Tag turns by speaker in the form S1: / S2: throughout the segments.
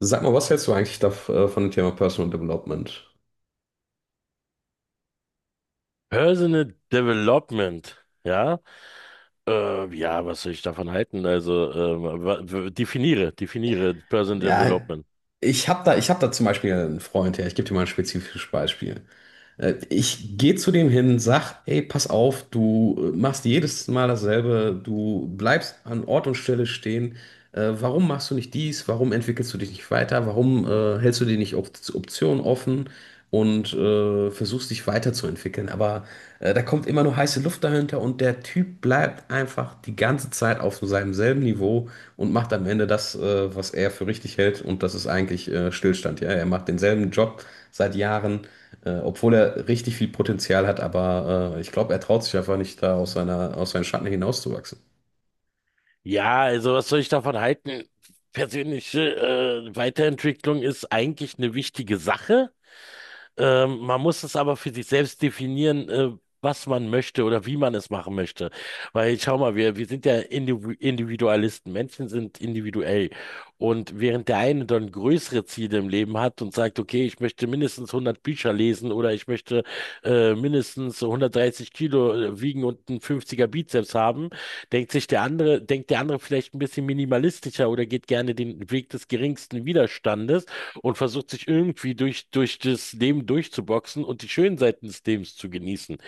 S1: Sag mal, was hältst du eigentlich da, von dem Thema Personal Development?
S2: Personal Development, ja? Ja, was soll ich davon halten? Also, definiere Personal
S1: Ja,
S2: Development.
S1: ich hab da zum Beispiel einen Freund, ja, ich gebe dir mal ein spezifisches Beispiel. Ich gehe zu dem hin, sag, ey, pass auf, du machst jedes Mal dasselbe, du bleibst an Ort und Stelle stehen. Warum machst du nicht dies? Warum entwickelst du dich nicht weiter? Warum hältst du dir nicht Op Optionen offen und versuchst dich weiterzuentwickeln? Aber da kommt immer nur heiße Luft dahinter, und der Typ bleibt einfach die ganze Zeit auf so seinem selben Niveau und macht am Ende das, was er für richtig hält, und das ist eigentlich Stillstand. Ja, er macht denselben Job seit Jahren, obwohl er richtig viel Potenzial hat, aber ich glaube, er traut sich einfach nicht, da aus seiner, aus seinen Schatten hinauszuwachsen.
S2: Ja, also, was soll ich davon halten? Persönliche Weiterentwicklung ist eigentlich eine wichtige Sache. Man muss es aber für sich selbst definieren, was man möchte oder wie man es machen möchte. Weil schau mal, wir sind ja Individualisten. Menschen sind individuell. Und während der eine dann größere Ziele im Leben hat und sagt, okay, ich möchte mindestens 100 Bücher lesen oder ich möchte mindestens 130 Kilo wiegen und einen 50er Bizeps haben, denkt der andere vielleicht ein bisschen minimalistischer oder geht gerne den Weg des geringsten Widerstandes und versucht sich irgendwie durch das Leben durchzuboxen und die schönen Seiten des Lebens zu genießen.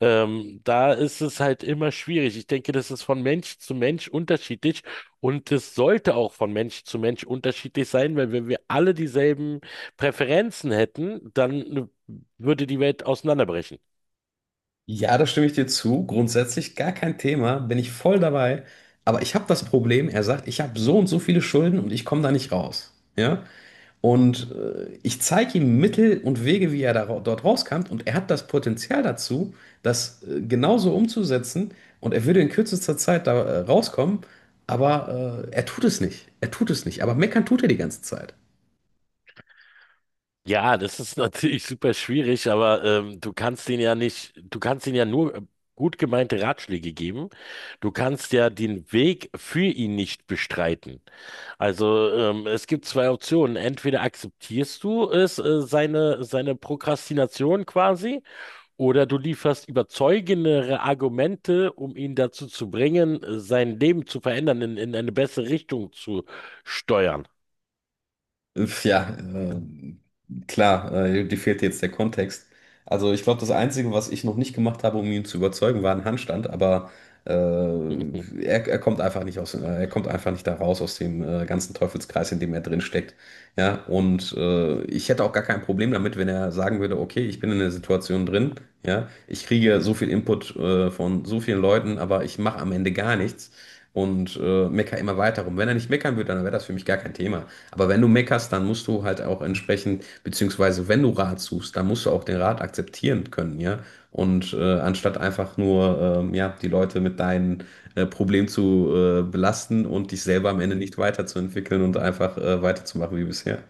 S2: Da ist es halt immer schwierig. Ich denke, das ist von Mensch zu Mensch unterschiedlich und das sollte auch von Mensch zu Mensch unterschiedlich sein, weil wenn wir alle dieselben Präferenzen hätten, dann würde die Welt auseinanderbrechen.
S1: Ja, da stimme ich dir zu. Grundsätzlich gar kein Thema, bin ich voll dabei. Aber ich habe das Problem, er sagt, ich habe so und so viele Schulden und ich komme da nicht raus. Ja? Und ich zeige ihm Mittel und Wege, wie er dort rauskommt. Und er hat das Potenzial dazu, das genauso umzusetzen. Und er würde in kürzester Zeit da rauskommen. Aber er tut es nicht. Er tut es nicht. Aber meckern tut er die ganze Zeit.
S2: Ja, das ist natürlich super schwierig, aber du kannst denen ja nicht, du kannst denen ja nur gut gemeinte Ratschläge geben. Du kannst ja den Weg für ihn nicht bestreiten. Also es gibt zwei Optionen. Entweder akzeptierst du es, seine Prokrastination quasi, oder du lieferst überzeugendere Argumente, um ihn dazu zu bringen, sein Leben zu verändern, in eine bessere Richtung zu steuern.
S1: Ja, klar, dir fehlt jetzt der Kontext. Also ich glaube, das Einzige, was ich noch nicht gemacht habe, um ihn zu überzeugen, war ein Handstand, aber er kommt einfach nicht da raus aus dem ganzen Teufelskreis, in dem er drin steckt. Ja, und ich hätte auch gar kein Problem damit, wenn er sagen würde, okay, ich bin in der Situation drin, ja, ich kriege ja so viel Input von so vielen Leuten, aber ich mache am Ende gar nichts und meckere immer weiter rum. Wenn er nicht meckern würde, dann wäre das für mich gar kein Thema. Aber wenn du meckerst, dann musst du halt auch entsprechend, beziehungsweise wenn du Rat suchst, dann musst du auch den Rat akzeptieren können, ja. Und anstatt einfach nur, ja, die Leute mit deinen Problemen zu belasten und dich selber am Ende nicht weiterzuentwickeln und einfach weiterzumachen wie bisher.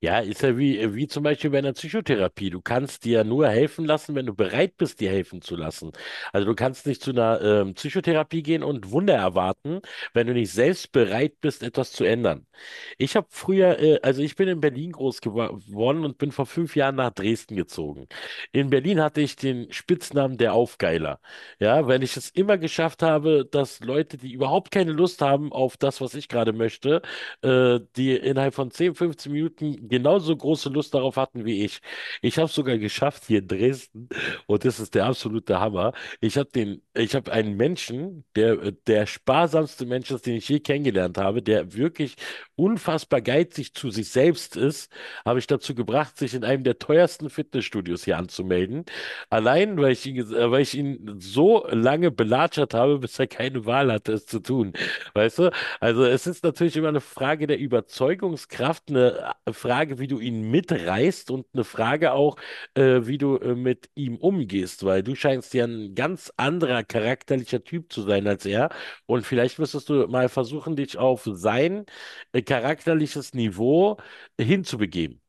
S2: Ja, ist ja wie zum Beispiel bei einer Psychotherapie. Du kannst dir ja nur helfen lassen, wenn du bereit bist, dir helfen zu lassen. Also du kannst nicht zu einer Psychotherapie gehen und Wunder erwarten, wenn du nicht selbst bereit bist, etwas zu ändern. Ich habe früher, also ich bin in Berlin groß geworden und bin vor 5 Jahren nach Dresden gezogen. In Berlin hatte ich den Spitznamen der Aufgeiler. Ja, weil ich es immer geschafft habe, dass Leute, die überhaupt keine Lust haben auf das, was ich gerade möchte, die innerhalb von 10, 15 Minuten genauso große Lust darauf hatten wie ich. Ich habe es sogar geschafft hier in Dresden und das ist der absolute Hammer. Ich habe ich habe einen Menschen, der sparsamste Mensch ist, den ich je kennengelernt habe, der wirklich unfassbar geizig zu sich selbst ist, habe ich dazu gebracht, sich in einem der teuersten Fitnessstudios hier anzumelden. Allein, weil ich ihn so lange belatschert habe, bis er keine Wahl hatte, es zu tun. Weißt du? Also es ist natürlich immer eine Frage der Überzeugungskraft, eine Frage, wie du ihn mitreißt und eine Frage auch, wie du mit ihm umgehst, weil du scheinst ja ein ganz anderer charakterlicher Typ zu sein als er. Und vielleicht müsstest du mal versuchen, dich auf sein charakterliches Niveau hinzubegeben.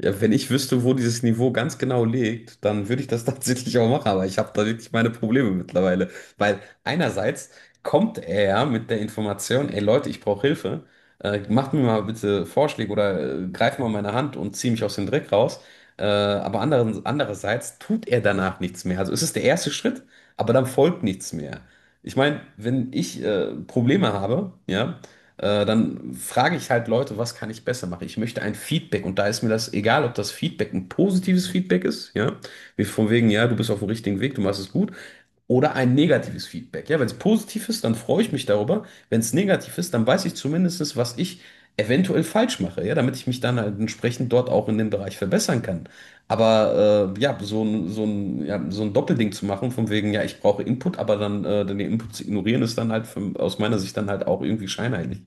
S1: Ja, wenn ich wüsste, wo dieses Niveau ganz genau liegt, dann würde ich das tatsächlich auch machen, aber ich habe da wirklich meine Probleme mittlerweile. Weil einerseits kommt er ja mit der Information, ey Leute, ich brauche Hilfe, macht mir mal bitte Vorschläge oder greift mal meine Hand und zieh mich aus dem Dreck raus. Aber andererseits tut er danach nichts mehr. Also es ist der erste Schritt, aber dann folgt nichts mehr. Ich meine, wenn ich Probleme habe, ja, dann frage ich halt Leute, was kann ich besser machen? Ich möchte ein Feedback, und da ist mir das egal, ob das Feedback ein positives Feedback ist, ja, wie von wegen, ja, du bist auf dem richtigen Weg, du machst es gut, oder ein negatives Feedback. Ja, wenn es positiv ist, dann freue ich mich darüber. Wenn es negativ ist, dann weiß ich zumindest, was ich eventuell falsch mache, ja, damit ich mich dann halt entsprechend dort auch in dem Bereich verbessern kann. Aber ja, so ein Doppelding zu machen, von wegen, ja, ich brauche Input, aber dann den Input zu ignorieren, ist dann halt für, aus meiner Sicht dann halt auch irgendwie scheinheilig.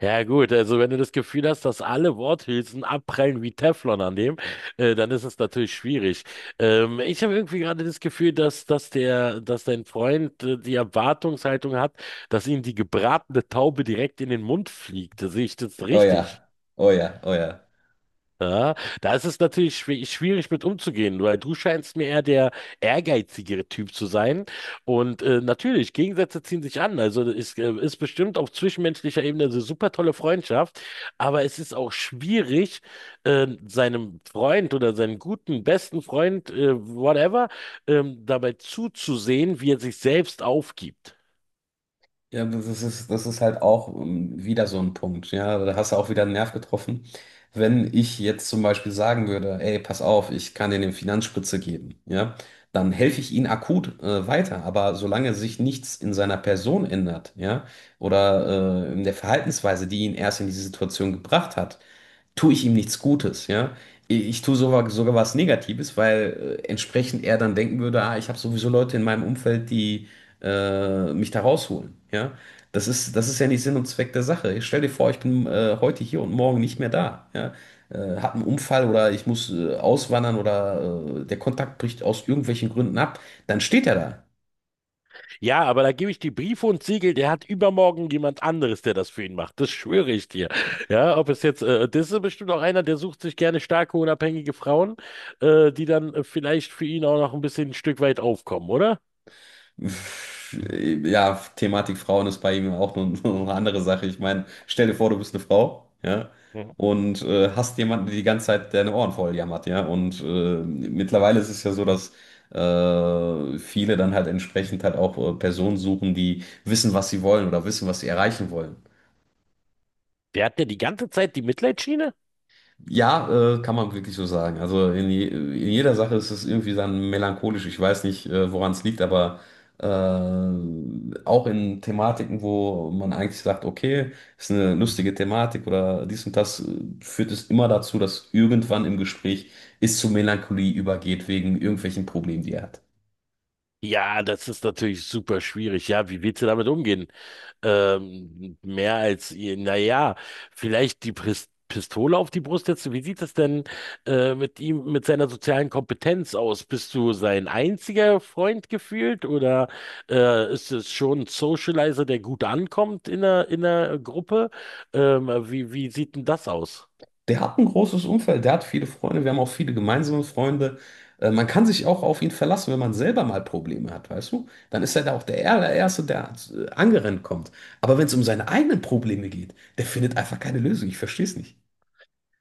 S2: Ja gut, also wenn du das Gefühl hast, dass alle Worthülsen abprallen wie Teflon an dem, dann ist es natürlich schwierig. Ich habe irgendwie gerade das Gefühl, dass dein Freund die Erwartungshaltung hat, dass ihm die gebratene Taube direkt in den Mund fliegt. Sehe ich das
S1: Oh ja,
S2: richtig?
S1: oh ja, oh ja.
S2: Ja, da ist es natürlich schwierig mit umzugehen, weil du scheinst mir eher der ehrgeizigere Typ zu sein. Und natürlich, Gegensätze ziehen sich an. Also es ist bestimmt auf zwischenmenschlicher Ebene eine super tolle Freundschaft, aber es ist auch schwierig, seinem Freund oder seinem guten, besten Freund, whatever, dabei zuzusehen, wie er sich selbst aufgibt.
S1: Ja, das ist halt auch wieder so ein Punkt. Ja, da hast du auch wieder einen Nerv getroffen. Wenn ich jetzt zum Beispiel sagen würde, ey, pass auf, ich kann dir eine Finanzspritze geben, ja, dann helfe ich ihm akut weiter. Aber solange sich nichts in seiner Person ändert, ja, oder in der Verhaltensweise, die ihn erst in diese Situation gebracht hat, tue ich ihm nichts Gutes, ja. Ich tue sogar, sogar was Negatives, weil entsprechend er dann denken würde, ah, ich habe sowieso Leute in meinem Umfeld, die mich da rausholen. Ja? Das ist ja nicht Sinn und Zweck der Sache. Ich stell dir vor, ich bin heute hier und morgen nicht mehr da. Ja? Hab einen Unfall oder ich muss auswandern oder der Kontakt bricht aus irgendwelchen Gründen ab. Dann steht er da.
S2: Ja, aber da gebe ich die Briefe und Siegel, der hat übermorgen jemand anderes, der das für ihn macht. Das schwöre ich dir. Ja, ob es jetzt, das ist bestimmt auch einer, der sucht sich gerne starke, unabhängige Frauen, die dann vielleicht für ihn auch noch ein bisschen ein Stück weit aufkommen, oder?
S1: Ja, Thematik Frauen ist bei ihm auch nur eine andere Sache. Ich meine, stell dir vor, du bist eine Frau, ja,
S2: Mhm.
S1: und hast jemanden, der die ganze Zeit deine Ohren voll jammert, ja. Und mittlerweile ist es ja so, dass viele dann halt entsprechend halt auch Personen suchen, die wissen, was sie wollen, oder wissen, was sie erreichen wollen.
S2: Der hat ja die ganze Zeit die Mitleidsschiene?
S1: Ja, kann man wirklich so sagen. Also in jeder Sache ist es irgendwie dann melancholisch. Ich weiß nicht, woran es liegt, aber auch in Thematiken, wo man eigentlich sagt, okay, ist eine lustige Thematik oder dies und das, führt es immer dazu, dass irgendwann im Gespräch es zu Melancholie übergeht wegen irgendwelchen Problemen, die er hat.
S2: Ja, das ist natürlich super schwierig. Ja, wie willst du damit umgehen? Mehr als, naja, vielleicht die Pistole auf die Brust setzen. Wie sieht es denn mit ihm, mit seiner sozialen Kompetenz aus? Bist du sein einziger Freund gefühlt oder ist es schon ein Socializer, der gut ankommt in der Gruppe? Wie sieht denn das aus?
S1: Der hat ein großes Umfeld, der hat viele Freunde, wir haben auch viele gemeinsame Freunde. Man kann sich auch auf ihn verlassen, wenn man selber mal Probleme hat, weißt du? Dann ist er da auch der allererste, der angerannt kommt. Aber wenn es um seine eigenen Probleme geht, der findet einfach keine Lösung. Ich verstehe es nicht.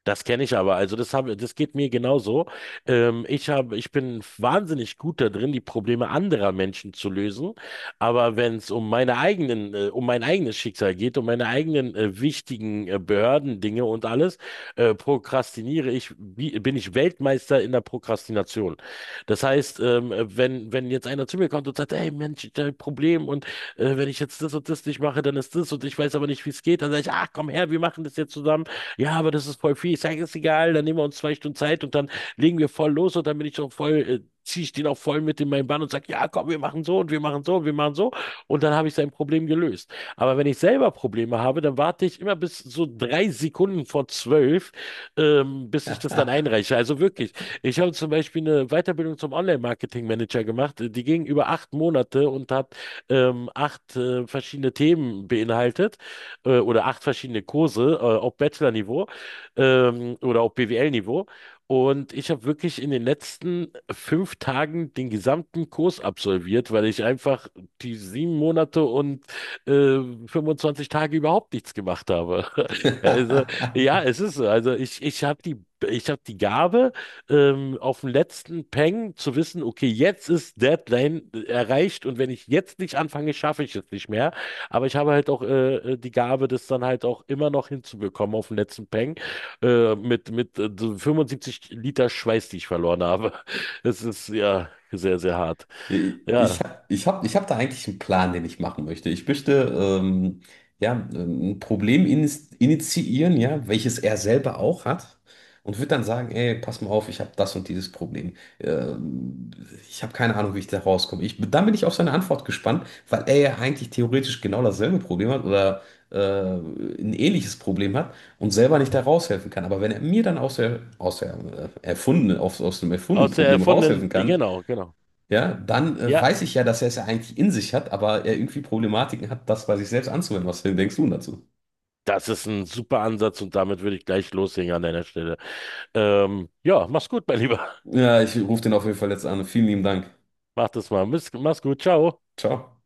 S2: Das kenne ich aber. Also das geht mir genauso. Ich bin wahnsinnig gut da drin, die Probleme anderer Menschen zu lösen. Aber wenn es um meine eigenen, um mein eigenes Schicksal geht, um meine eigenen wichtigen Behördendinge und alles, prokrastiniere ich, bin ich Weltmeister in der Prokrastination. Das heißt, wenn jetzt einer zu mir kommt und sagt, hey Mensch, ich habe ein Problem und wenn ich jetzt das und das nicht mache, dann ist das und ich weiß aber nicht, wie es geht. Dann sage ich, ach komm her, wir machen das jetzt zusammen. Ja, aber das ist voll viel. Ich sage, ist egal, dann nehmen wir uns 2 Stunden Zeit und dann legen wir voll los und dann bin ich schon voll, ziehe ich den auch voll mit in meinen Bann und sage, ja, komm, wir machen so und wir machen so und wir machen so. Und dann habe ich sein Problem gelöst. Aber wenn ich selber Probleme habe, dann warte ich immer bis so drei Sekunden vor zwölf, bis ich das dann einreiche. Also wirklich, ich habe zum Beispiel eine Weiterbildung zum Online-Marketing-Manager gemacht. Die ging über 8 Monate und hat acht verschiedene Themen beinhaltet oder acht verschiedene Kurse, auf Bachelor-Niveau oder auf BWL-Niveau. Und ich habe wirklich in den letzten 5 Tagen den gesamten Kurs absolviert, weil ich einfach die 7 Monate und äh, 25 Tage überhaupt nichts gemacht habe. Also, ja, es ist so. Also ich habe die Gabe, auf dem letzten Peng zu wissen, okay, jetzt ist Deadline erreicht und wenn ich jetzt nicht anfange, schaffe ich es nicht mehr. Aber ich habe halt auch die Gabe, das dann halt auch immer noch hinzubekommen auf den letzten Peng mit so 75 Liter Schweiß, die ich verloren habe. Das ist ja sehr, sehr hart. Ja,
S1: Ich hab da eigentlich einen Plan, den ich machen möchte. Ich möchte ähm, ja, ein Problem initiieren, ja, welches er selber auch hat. Und würde dann sagen, ey, pass mal auf, ich habe das und dieses Problem. Ähm, ich habe keine Ahnung, wie ich da rauskomme. Ich, dann bin ich auf seine Antwort gespannt, weil er ja eigentlich theoretisch genau dasselbe Problem hat oder ein ähnliches Problem hat und selber nicht da raushelfen kann. Aber wenn er mir dann aus der aus dem erfundenen
S2: aus der
S1: Problem
S2: erfundenen,
S1: raushelfen kann,
S2: genau, genau.
S1: ja, dann
S2: Ja,
S1: weiß ich ja, dass er es ja eigentlich in sich hat, aber er irgendwie Problematiken hat, das bei sich selbst anzuwenden. Was denkst du dazu?
S2: das ist ein super Ansatz und damit würde ich gleich loslegen an deiner Stelle. Ja, mach's gut, mein Lieber.
S1: Ja, ich rufe den auf jeden Fall jetzt an. Vielen lieben Dank.
S2: Mach das mal. Mach's gut. Ciao.
S1: Ciao.